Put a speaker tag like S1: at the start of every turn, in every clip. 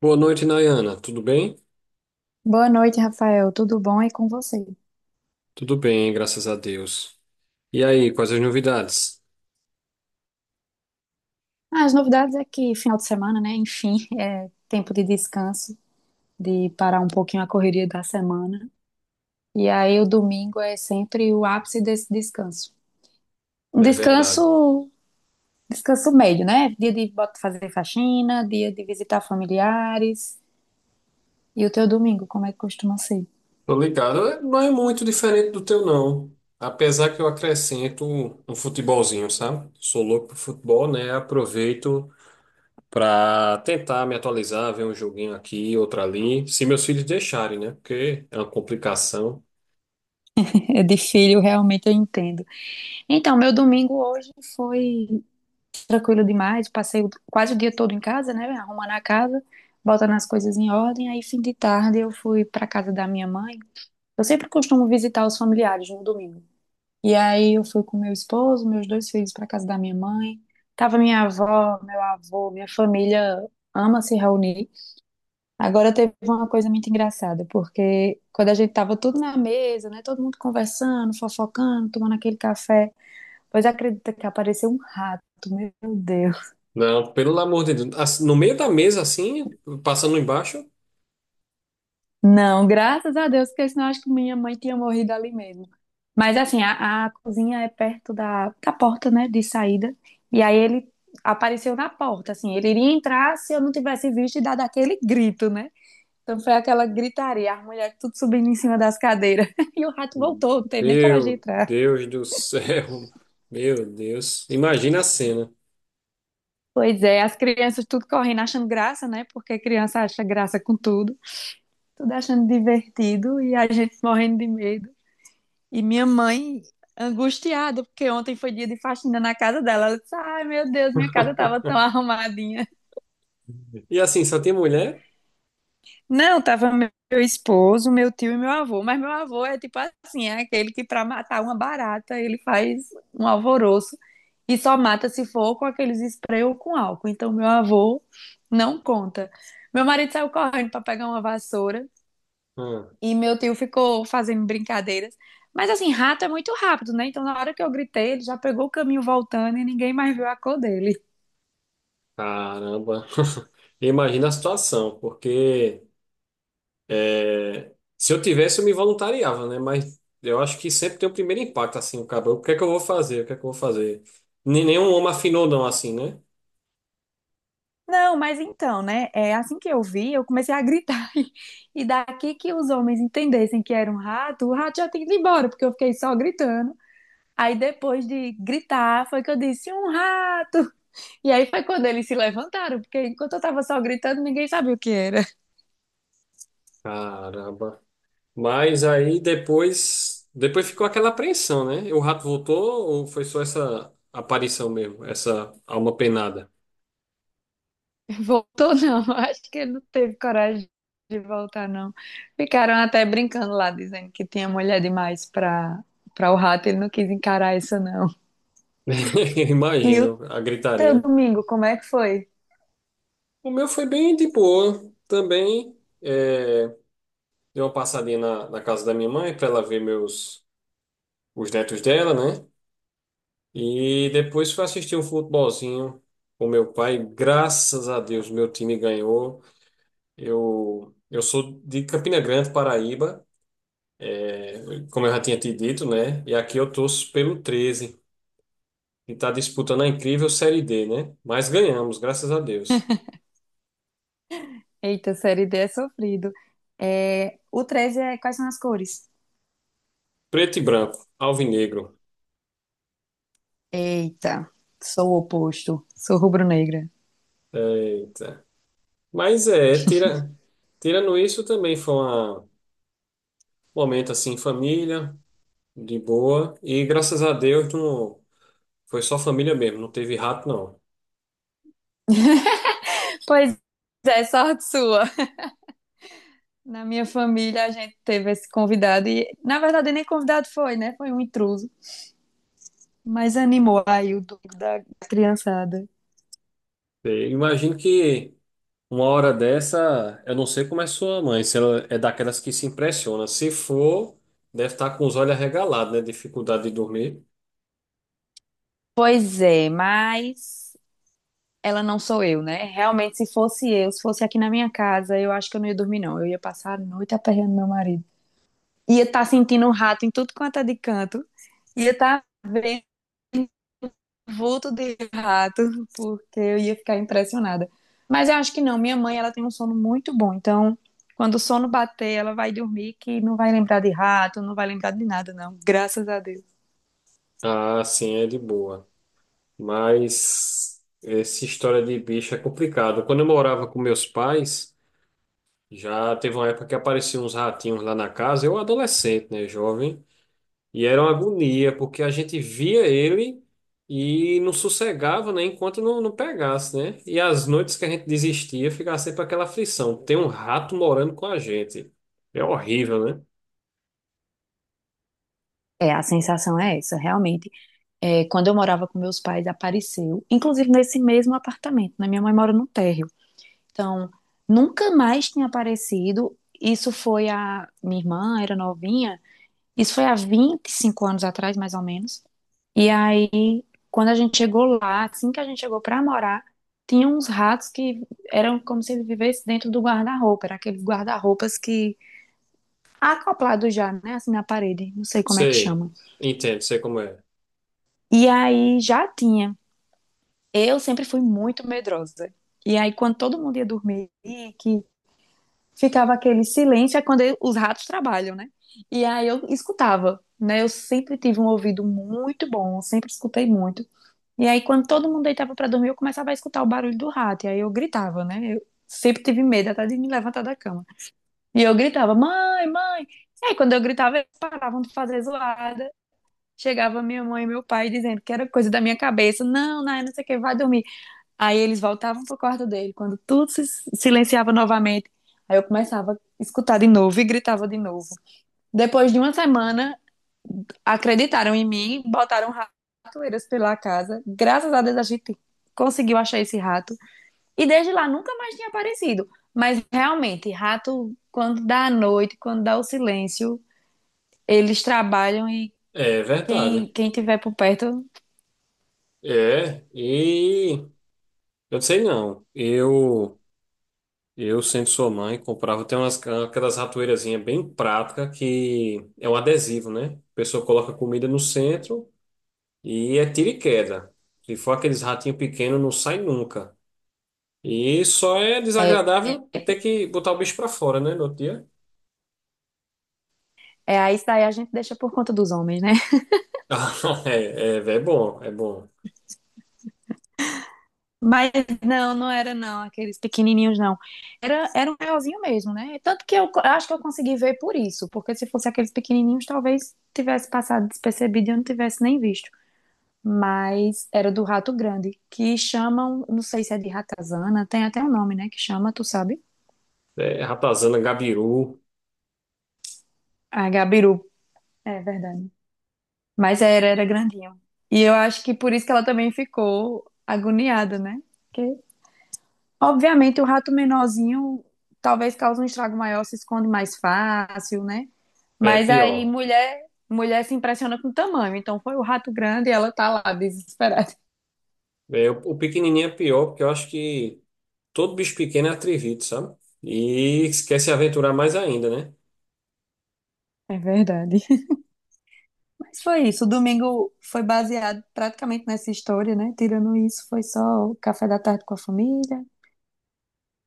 S1: Boa noite, Nayana. Tudo bem?
S2: Boa noite, Rafael. Tudo bom e com você?
S1: Tudo bem, graças a Deus. E aí, quais as novidades?
S2: Ah, as novidades é que final de semana, né? Enfim, é tempo de descanso, de parar um pouquinho a correria da semana. E aí o domingo é sempre o ápice desse descanso. Um
S1: É verdade.
S2: descanso, descanso médio, né? Dia de fazer faxina, dia de visitar familiares. E o teu domingo, como é que costuma ser?
S1: Tô ligado. É, não é muito diferente do teu, não. Apesar que eu acrescento um futebolzinho, sabe? Sou louco pro futebol, né? Aproveito pra tentar me atualizar, ver um joguinho aqui, outro ali. Se meus filhos deixarem, né? Porque é uma complicação.
S2: É de filho, realmente eu entendo. Então, meu domingo hoje foi tranquilo demais. Quase o dia todo em casa, né? Arrumando a casa, botando as coisas em ordem. Aí, fim de tarde, eu fui para casa da minha mãe. Eu sempre costumo visitar os familiares no domingo. E aí, eu fui com meu esposo, meus dois filhos para casa da minha mãe. Tava minha avó, meu avô, minha família ama se reunir. Agora teve uma coisa muito engraçada, porque quando a gente tava tudo na mesa, né, todo mundo conversando, fofocando, tomando aquele café, pois acredita que apareceu um rato, meu Deus.
S1: Não, pelo amor de Deus. Assim, no meio da mesa, assim, passando embaixo.
S2: Não, graças a Deus, porque senão eu acho que minha mãe tinha morrido ali mesmo. Mas assim, a cozinha é perto da porta, né, de saída. E aí ele apareceu na porta, assim, ele iria entrar se eu não tivesse visto e dado aquele grito, né? Então foi aquela gritaria, as mulheres tudo subindo em cima das cadeiras. E o rato voltou, não teve nem coragem de
S1: Meu
S2: entrar.
S1: Deus do céu. Meu Deus. Imagina a cena.
S2: Pois é, as crianças tudo correndo, achando graça, né? Porque criança acha graça com tudo, tudo achando divertido e a gente morrendo de medo. E minha mãe angustiada, porque ontem foi dia de faxina na casa dela. Ela disse: Ai, meu Deus, minha casa tava tão arrumadinha.
S1: E assim, só tem mulher?
S2: Não, tava meu esposo, meu tio e meu avô. Mas meu avô é tipo assim: é aquele que pra matar uma barata, ele faz um alvoroço e só mata se for com aqueles spray ou com álcool. Então meu avô não conta. Meu marido saiu correndo pra pegar uma vassoura.
S1: Hum,
S2: E meu tio ficou fazendo brincadeiras. Mas assim, rato é muito rápido, né? Então, na hora que eu gritei, ele já pegou o caminho voltando e ninguém mais viu a cor dele.
S1: caramba. Imagina a situação, porque é, se eu tivesse, eu me voluntariava, né? Mas eu acho que sempre tem o primeiro impacto, assim, o cabelo. O que é que eu vou fazer? O que é que eu vou fazer? Nenhum homem afinou, não, assim, né?
S2: Não, mas então, né? É assim que eu vi, eu comecei a gritar. E daqui que os homens entendessem que era um rato, o rato já tinha ido embora, porque eu fiquei só gritando. Aí depois de gritar, foi que eu disse um rato. E aí foi quando eles se levantaram, porque enquanto eu tava só gritando, ninguém sabia o que era.
S1: Caramba. Mas aí depois. Depois ficou aquela apreensão, né? O rato voltou ou foi só essa aparição mesmo? Essa alma penada?
S2: Voltou não, acho que ele não teve coragem de voltar não. Ficaram até brincando lá, dizendo que tinha mulher demais pra o rato, ele não quis encarar isso não.
S1: Eu
S2: E o
S1: imagino a
S2: teu
S1: gritaria.
S2: domingo, como é que foi?
S1: O meu foi bem de boa também. É, dei uma passadinha na casa da minha mãe para ela ver meus os netos dela, né? E depois fui assistir um futebolzinho com meu pai. Graças a Deus, meu time ganhou. Eu sou de Campina Grande, Paraíba, como eu já tinha te dito, né? E aqui eu torço pelo 13, que está disputando a incrível Série D, né? Mas ganhamos, graças a Deus.
S2: Eita, série D é sofrido. É, o 13 é quais são as cores?
S1: Preto e branco, alvinegro.
S2: Eita, sou o oposto, sou rubro-negra.
S1: Eita. Mas é, tirando isso também foi um momento assim, em família, de boa. E graças a Deus não, foi só família mesmo, não teve rato não.
S2: Pois é, sorte sua. Na minha família a gente teve esse convidado e, na verdade, nem convidado foi, né? Foi um intruso. Mas animou aí o domingo da criançada.
S1: E imagino que uma hora dessa, eu não sei como é sua mãe, se ela é daquelas que se impressiona. Se for, deve estar com os olhos arregalados, né? Dificuldade de dormir.
S2: Pois é, mas ela não sou eu, né? Realmente, se fosse eu, se fosse aqui na minha casa, eu acho que eu não ia dormir, não. Eu ia passar a noite aperreando meu marido. Ia estar sentindo um rato em tudo quanto é de canto. Ia estar vendo vulto de rato, porque eu ia ficar impressionada. Mas eu acho que não. Minha mãe, ela tem um sono muito bom. Então, quando o sono bater, ela vai dormir que não vai lembrar de rato, não vai lembrar de nada, não. Graças a Deus.
S1: Ah, sim, é de boa. Mas essa história de bicho é complicado. Quando eu morava com meus pais. Já teve uma época que apareciam uns ratinhos lá na casa, eu adolescente, né, jovem, e era uma agonia, porque a gente via ele e não sossegava, né, enquanto não pegasse, né? E as noites que a gente desistia, ficava sempre aquela aflição, tem um rato morando com a gente. É horrível, né?
S2: É, a sensação é essa, realmente. É, quando eu morava com meus pais, apareceu, inclusive nesse mesmo apartamento, né? Minha mãe mora no térreo. Então, nunca mais tinha aparecido. Isso foi a. Minha irmã era novinha, isso foi há 25 anos atrás, mais ou menos. E aí, quando a gente chegou lá, assim que a gente chegou para morar, tinha uns ratos que eram como se ele vivesse dentro do guarda-roupa, era aqueles guarda-roupas que acoplado já, né, assim na parede, não sei como é que
S1: Sei,
S2: chama.
S1: entendo, sei como é.
S2: E aí já tinha Eu sempre fui muito medrosa. E aí, quando todo mundo ia dormir, que ficava aquele silêncio, é os ratos trabalham, né? E aí eu escutava, né? Eu sempre tive um ouvido muito bom, sempre escutei muito. E aí, quando todo mundo deitava pra dormir, eu começava a escutar o barulho do rato. E aí eu gritava, né? Eu sempre tive medo até de me levantar da cama. E eu gritava, mãe, mãe. E aí, quando eu gritava, eles paravam de fazer zoada. Chegava minha mãe e meu pai dizendo que era coisa da minha cabeça. Não, não, não sei o que, vai dormir. Aí eles voltavam pro quarto dele, quando tudo se silenciava novamente, aí eu começava a escutar de novo e gritava de novo. Depois de uma semana, acreditaram em mim, botaram ratoeiras pela casa. Graças a Deus a gente conseguiu achar esse rato. E desde lá nunca mais tinha aparecido. Mas realmente, rato, quando dá a noite, quando dá o silêncio, eles trabalham e
S1: É
S2: quem,
S1: verdade.
S2: quem tiver por perto
S1: É, e eu não sei não. Sendo sua mãe, comprava. Tem umas aquelas ratoeirazinhas bem prática que é um adesivo, né? A pessoa coloca comida no centro e é tiro e queda. Se for aqueles ratinhos pequenos, não sai nunca. E só é
S2: é, é
S1: desagradável ter que botar o bicho pra fora, né, no outro dia?
S2: aí isso daí a gente deixa por conta dos homens, né?
S1: É, é, é bom, é bom.
S2: Mas não era não, aqueles pequenininhos não. Era um maiorzinho mesmo, né? Tanto que eu acho que eu consegui ver por isso, porque se fosse aqueles pequenininhos, talvez tivesse passado despercebido e eu não tivesse nem visto. Mas era do rato grande, que chamam, não sei se é de ratazana, tem até um nome, né? Que chama, tu sabe?
S1: É, ratazana, gabiru,
S2: Ah, gabiru. É verdade. Mas era grandinho. E eu acho que por isso que ela também ficou agoniada, né? Obviamente, o rato menorzinho talvez cause um estrago maior, se esconde mais fácil, né?
S1: é
S2: Mas aí
S1: pior.
S2: mulher, mulher se impressiona com o tamanho. Então foi o rato grande e ela tá lá desesperada.
S1: É, o pequenininho é pior, porque eu acho que todo bicho pequeno é atrevito, sabe? E quer se aventurar mais ainda, né?
S2: É verdade. Mas foi isso. O domingo foi baseado praticamente nessa história, né? Tirando isso, foi só o café da tarde com a família.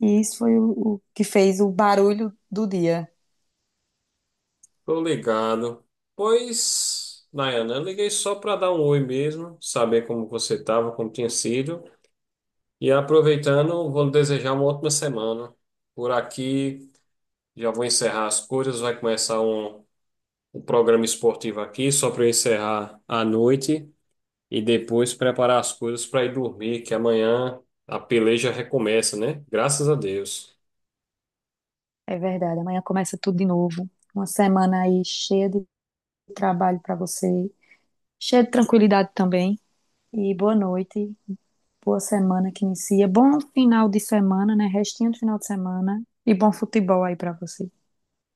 S2: E isso foi o que fez o barulho do dia.
S1: Tô ligado. Pois, Nayana, eu liguei só para dar um oi mesmo, saber como você estava, como tinha sido. E aproveitando, vou lhe desejar uma ótima semana. Por aqui, já vou encerrar as coisas, vai começar um programa esportivo aqui, só para eu encerrar à noite e depois preparar as coisas para ir dormir, que amanhã a peleja recomeça, né? Graças a Deus.
S2: É verdade. Amanhã começa tudo de novo. Uma semana aí cheia de trabalho pra você, cheia de tranquilidade também. E boa noite, boa semana que inicia, bom final de semana, né? Restinho do final de semana e bom futebol aí pra você.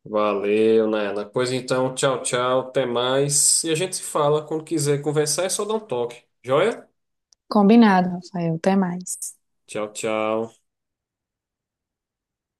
S1: Valeu, Nana. Pois então, tchau, tchau, até mais. E a gente se fala quando quiser conversar, é só dar um toque. Joia?
S2: Combinado, Rafael. Até mais.
S1: Tchau, tchau.